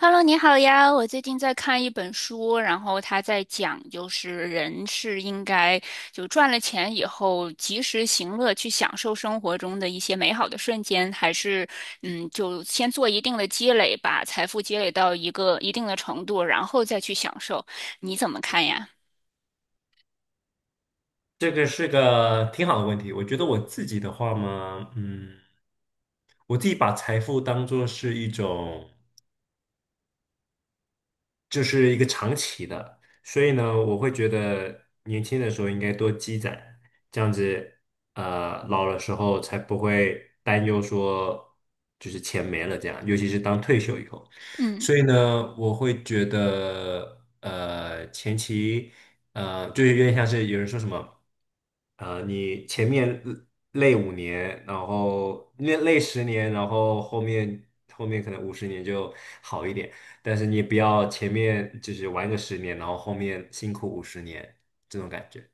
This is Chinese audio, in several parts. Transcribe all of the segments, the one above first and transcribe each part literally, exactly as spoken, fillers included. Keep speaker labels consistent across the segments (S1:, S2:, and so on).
S1: Hello，你好呀！我最近在看一本书，然后他在讲，就是人是应该就赚了钱以后及时行乐，去享受生活中的一些美好的瞬间，还是嗯，就先做一定的积累，把财富积累到一个一定的程度，然后再去享受。你怎么看呀？
S2: 这个是个挺好的问题。我觉得我自己的话嘛，嗯，我自己把财富当做是一种。就是一个长期的，所以呢，我会觉得年轻的时候应该多积攒，这样子，呃，老了时候才不会担忧说就是钱没了这样，尤其是当退休以后。
S1: 嗯。
S2: 所以呢，我会觉得，呃，前期，呃，就是有点像是有人说什么，呃，你前面累五年，然后累累十年，然后后面后面可能五十年就好一点。但是你也不要前面就是玩个十年，然后后面辛苦五十年这种感觉。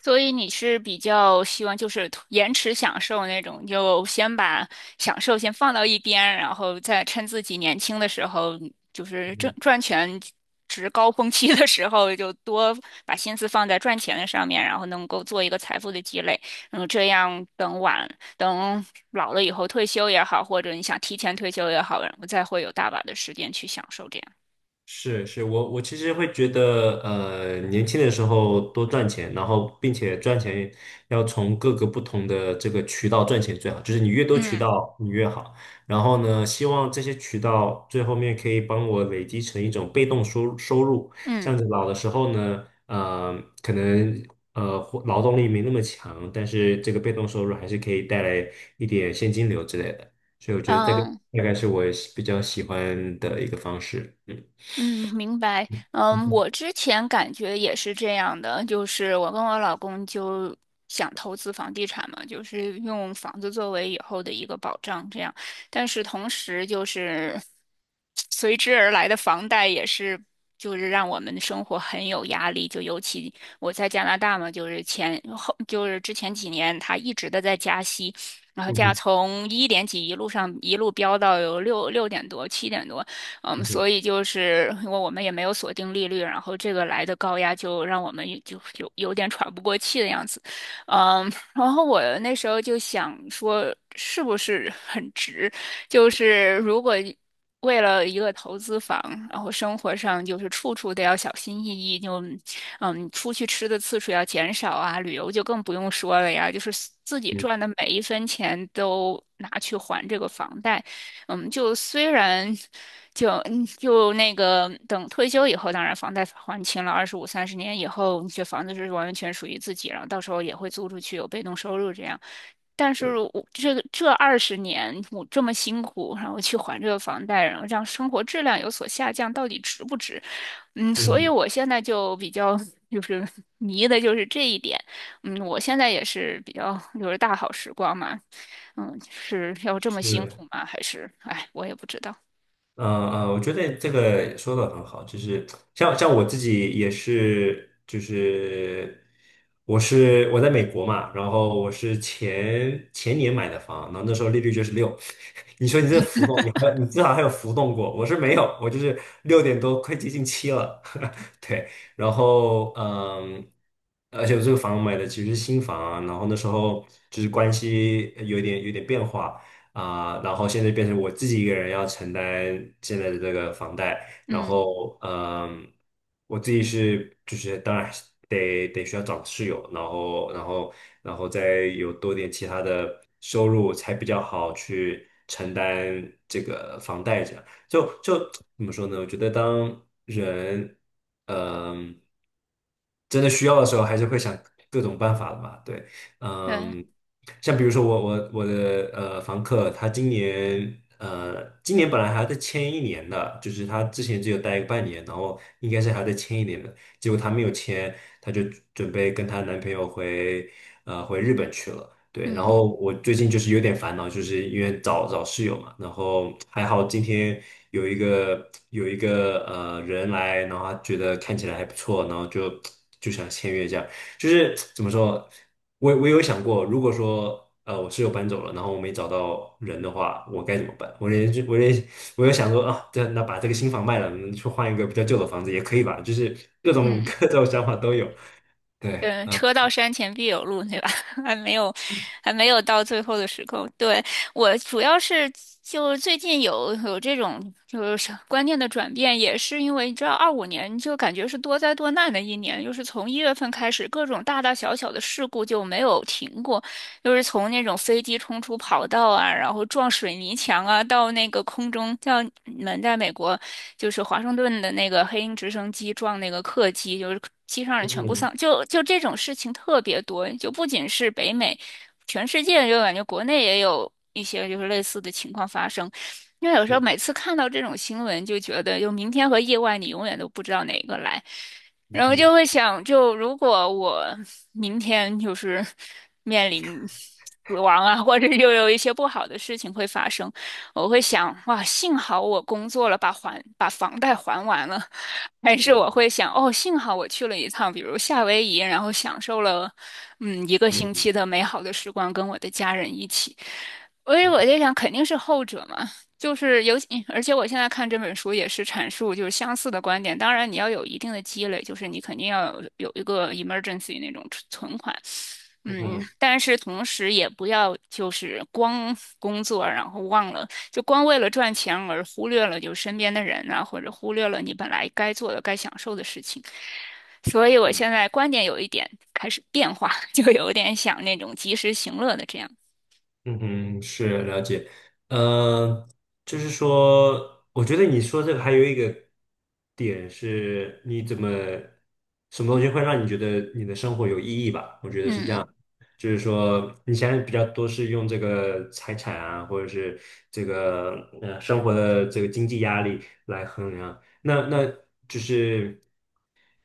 S1: 所以你是比较希望就是延迟享受那种，就先把享受先放到一边，然后再趁自己年轻的时候，就是挣赚钱值高峰期的时候，就多把心思放在赚钱的上面，然后能够做一个财富的积累。嗯，这样等晚等老了以后退休也好，或者你想提前退休也好，然后再会有大把的时间去享受这样。
S2: 是是，我我其实会觉得，呃，年轻的时候多赚钱，然后并且赚钱要从各个不同的这个渠道赚钱最好，就是你越多渠
S1: 嗯
S2: 道你越好。然后呢，希望这些渠道最后面可以帮我累积成一种被动收收入，这
S1: 嗯
S2: 样子老的时候呢，呃，可能呃活劳动力没那么强，但是这个被动收入还是可以带来一点现金流之类的。所以我觉得这个
S1: 嗯。
S2: 大概是我喜比较喜欢的一个方式，嗯。
S1: 嗯，明白。
S2: 嗯
S1: 嗯，
S2: 哼，
S1: 我之前感觉也是这样的，就是我跟我老公就想投资房地产嘛，就是用房子作为以后的一个保障，这样。但是同时就是 随之而来的房贷也是，就是让我们的生活很有压力。就尤其我在加拿大嘛，就是前后就是之前几年，他一直的在加息。然后
S2: 嗯
S1: 价
S2: 哼，
S1: 从一点几一路上一路飙到有六六点多、七点多，嗯，
S2: 嗯
S1: 所
S2: 哼，
S1: 以就是因为我们也没有锁定利率，然后这个来的高压就让我们就有有点喘不过气的样子，嗯，然后我那时候就想说，是不是很值？就是如果为了一个投资房，然后生活上就是处处都要小心翼翼，就嗯，出去吃的次数要减少啊，旅游就更不用说了呀，就是自己
S2: 嗯，
S1: 赚的每一分钱都拿去还这个房贷。嗯，就虽然就嗯就那个等退休以后，当然房贷还清了，二十五三十年以后，你这房子是完全属于自己，然后到时候也会租出去，有被动收入这样。但是
S2: 对，
S1: 我这个这二十年我这么辛苦，然后去还这个房贷，然后让生活质量有所下降，到底值不值？嗯，所以
S2: 嗯，
S1: 我现在就比较就是 迷的就是这一点。嗯，我现在也是比较就是大好时光嘛，嗯，是要这么辛苦
S2: 是。
S1: 吗？还是，哎，我也不知道。
S2: 嗯嗯，我觉得这个说的很好，就是像像我自己也是，就是我是我在美国嘛，然后我是前前年买的房，然后那时候利率就是六，你说你这浮动，你还你至少还有浮动过，我是没有，我就是六点多，快接近七了，对，然后嗯，而且我这个房买的其实是新房啊，然后那时候就是关系有一点有点变化。啊、然后现在变成我自己一个人要承担现在的这个房贷，然
S1: 嗯，
S2: 后嗯，我自己是就是当然是得得需要找室友，然后然后然后再有多点其他的收入才比较好去承担这个房贷这样，就就怎么说呢？我觉得当人嗯、真的需要的时候，还是会想各种办法的嘛，对。
S1: 对，
S2: 嗯，像比如说我我我的呃房客，他今年呃今年本来还要再签一年的，就是他之前只有待个半年，然后应该是还要再签一年的，结果他没有签，他就准备跟她男朋友回呃回日本去了。对，然
S1: 嗯
S2: 后我最近就是有点烦恼，就是因为找找室友嘛，然后还好今天有一个有一个呃人来，然后他觉得看起来还不错，然后就就想签约这样。就是怎么说，我我有想过，如果说呃我室友搬走了，然后我没找到人的话，我该怎么办？我连我连我有想说啊，对，那把这个新房卖了，嗯去换一个比较旧的房子也可以吧？就是各种
S1: 嗯，
S2: 各种想法都有。对，
S1: 对，
S2: 啊，
S1: 车到山前必有路，对吧？还没有，还没有到最后的时刻。对，我主要是就最近有有这种就是观念的转变，也是因为你知道，二五年就感觉是多灾多难的一年，就是从一月份开始，各种大大小小的事故就没有停过。就是从那种飞机冲出跑道啊，然后撞水泥墙啊，到那个空中，像你们在美国，就是华盛顿的那个黑鹰直升机撞那个客机，就是机上人全部
S2: 嗯，
S1: 丧，就就这种事情特别多，就不仅是北美，全世界就感觉国内也有一些就是类似的情况发生。因为有时候
S2: 是，
S1: 每次看到这种新闻，就觉得就明天和意外，你永远都不知道哪个来。
S2: 嗯
S1: 然后就
S2: 嗯，
S1: 会想，就如果我明天就是面临死亡啊，或者又有一些不好的事情会发生，我会想，哇，幸好我工作了，把还把房贷还完了，还是我
S2: 啊，
S1: 会想，哦，幸好我去了一趟，比如夏威夷，然后享受了，嗯，一个星期
S2: 嗯
S1: 的美好的时光，跟我的家人一起。所以我
S2: 嗯
S1: 就想，肯定是后者嘛。就是尤其，而且我现在看这本书也是阐述就是相似的观点。当然，你要有一定的积累，就是你肯定要有有一个 emergency 那种存存款，嗯，
S2: 嗯。
S1: 但是同时也不要就是光工作，然后忘了就光为了赚钱而忽略了就身边的人啊，或者忽略了你本来该做的、该享受的事情。所以我现在观点有一点开始变化，就有点想那种及时行乐的这样，
S2: 嗯哼，是了解，呃，就是说，我觉得你说这个还有一个点是，你怎么什么东西会让你觉得你的生活有意义吧？我觉得是这
S1: 嗯
S2: 样，就是说你现在比较多是用这个财产啊，或者是这个呃生活的这个经济压力来衡量，那那就是。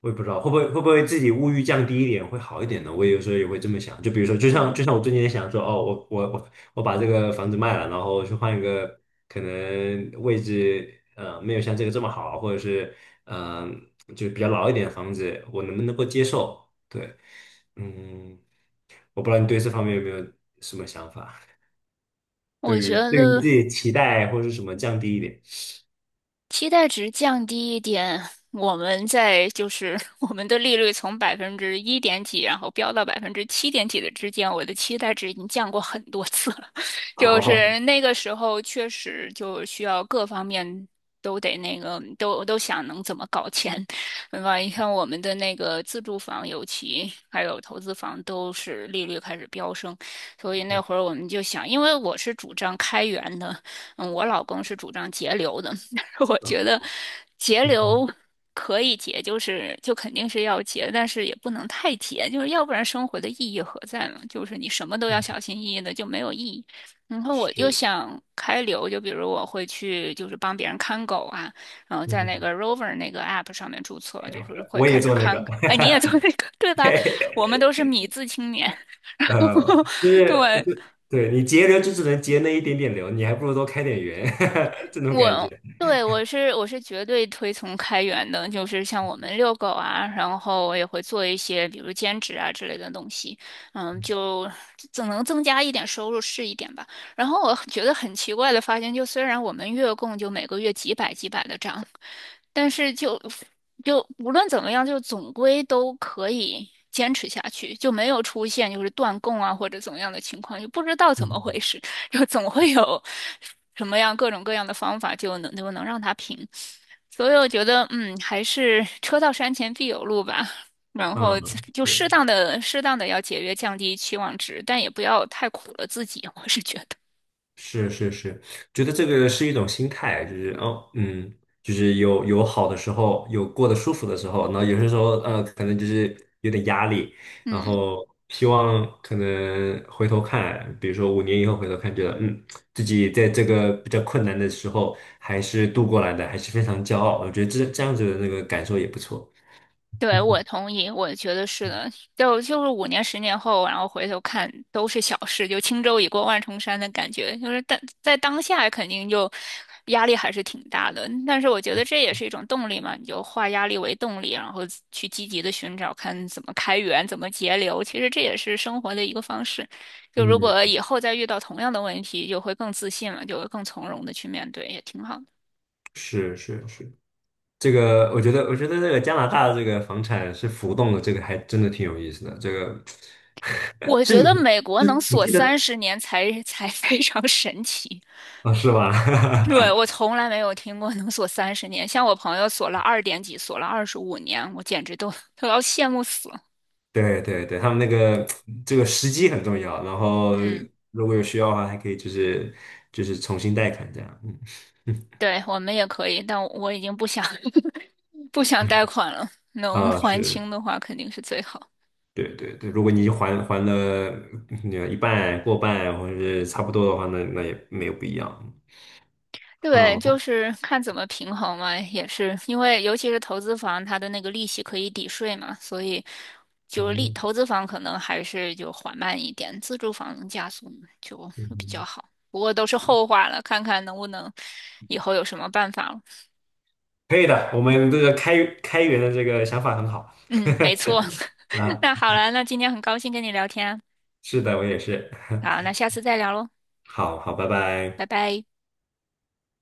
S2: 我也不知道会不会会不会自己物欲降低一点会好一点呢？我有时候也会这么想，就比如说，就像
S1: 嗯。
S2: 就像我最近也想说，哦，我我我我把这个房子卖了，然后去换一个可能位置，呃，没有像这个这么好，或者是嗯、呃，就比较老一点的房子，我能不能够接受？对，嗯，我不知道你对这方面有没有什么想法？对
S1: 我觉
S2: 于对于自
S1: 得
S2: 己的期待或者是什么降低一点？
S1: 期待值降低一点，我们在就是 我们的利率从百分之一点几，然后飙到百分之七点几的之间，我的期待值已经降过很多次了。就是
S2: 哦，
S1: 那个时候确实就需要各方面都得那个都都想能怎么搞钱，对吧？你看我们的那个自住房，尤其还有投资房，都是利率开始飙升，所以那会儿我们就想，因为我是主张开源的，嗯，我老公是主张节流的。我觉得节流可以节，就是就肯定是要节，但是也不能太节，就是要不然生活的意义何在呢？就是你什么都要小心翼翼的，就没有意义。然 后我就
S2: 是，
S1: 想开流，就比如我会去就是帮别人看狗啊，然后在
S2: 嗯
S1: 那个 Rover 那个 app 上面注册，就是会
S2: 我
S1: 开
S2: 也
S1: 始
S2: 做那
S1: 看。
S2: 个。
S1: 哎，你也做那个对吧？我们都是米字青年，
S2: 呃，就 是
S1: 对，
S2: 就对你节流就只能节那一点点流，你还不如多开点源，这种感
S1: 我
S2: 觉。
S1: 对我是我是绝对推崇开源的，就是像我们遛狗啊，然后我也会做一些比如兼职啊之类的东西，嗯，就总能增加一点收入是一点吧。然后我觉得很奇怪的发现，就虽然我们月供就每个月几百几百的涨，但是就就无论怎么样，就总归都可以坚持下去，就没有出现就是断供啊或者怎么样的情况，就不知道怎么
S2: 嗯，
S1: 回事。就总会有什么样各种各样的方法就能就能让它平。所以我觉得，嗯，还是车到山前必有路吧。然后
S2: 嗯
S1: 就适
S2: 是
S1: 当的、适当的要节约，降低期望值，但也不要太苦了自己。我是觉得，
S2: 是是是，觉得这个是一种心态，就是哦，嗯，就是有有好的时候，有过得舒服的时候，然后有些时候呃，可能就是有点压力，然
S1: 嗯。
S2: 后希望可能回头看，比如说五年以后回头看，觉得嗯，自己在这个比较困难的时候还是度过来的，还是非常骄傲，我觉得这这样子的那个感受也不错。
S1: 对，我 同意，我觉得是的，就就是五年、十年后，然后回头看都是小事，就轻舟已过万重山的感觉，就是但在当下肯定就压力还是挺大的，但是我觉得这也是一种动力嘛，你就化压力为动力，然后去积极的寻找，看怎么开源，怎么节流，其实这也是生活的一个方式。就如果
S2: 嗯，
S1: 以后再遇到同样的问题，就会更自信了，就会更从容的去面对，也挺好的。
S2: 是是是。这个我觉得，我觉得这个加拿大的这个房产是浮动的，这个还真的挺有意思的。这个
S1: 我
S2: 是每，
S1: 觉得美国能
S2: 是我
S1: 锁
S2: 记得
S1: 三十年才才非常神奇。
S2: 啊，是吧？
S1: 对，我 从来没有听过能锁三十年，像我朋友锁了二点几，锁了二十五年，我简直都都要羡慕死了。
S2: 对对对，他们那个这个时机很重要，然后
S1: 嗯，
S2: 如果有需要的话，还可以就是就是重新贷款这样。嗯
S1: 对，我们也可以，但我已经不想 不想贷款了，能
S2: 啊，
S1: 还
S2: 是，
S1: 清的话肯定是最好。
S2: 对对对，如果你还还了嗯一半、过半或者是差不多的话，那那也没有不一样。
S1: 对，
S2: 好，
S1: 就是看怎么平衡嘛，也是因为尤其是投资房，它的那个利息可以抵税嘛，所以就是利
S2: 嗯
S1: 投资房可能还是就缓慢一点，自住房能加速就比较
S2: 嗯。
S1: 好。不过都是后话了，看看能不能以后有什么办法了。
S2: 可以的，我们这个开开源的这个想法很好
S1: 嗯，没错。
S2: 啊。
S1: 那好了，那今天很高兴跟你聊天
S2: 是的，我也是。
S1: 啊好，那 下次再聊喽，
S2: 好好，拜
S1: 拜
S2: 拜。
S1: 拜。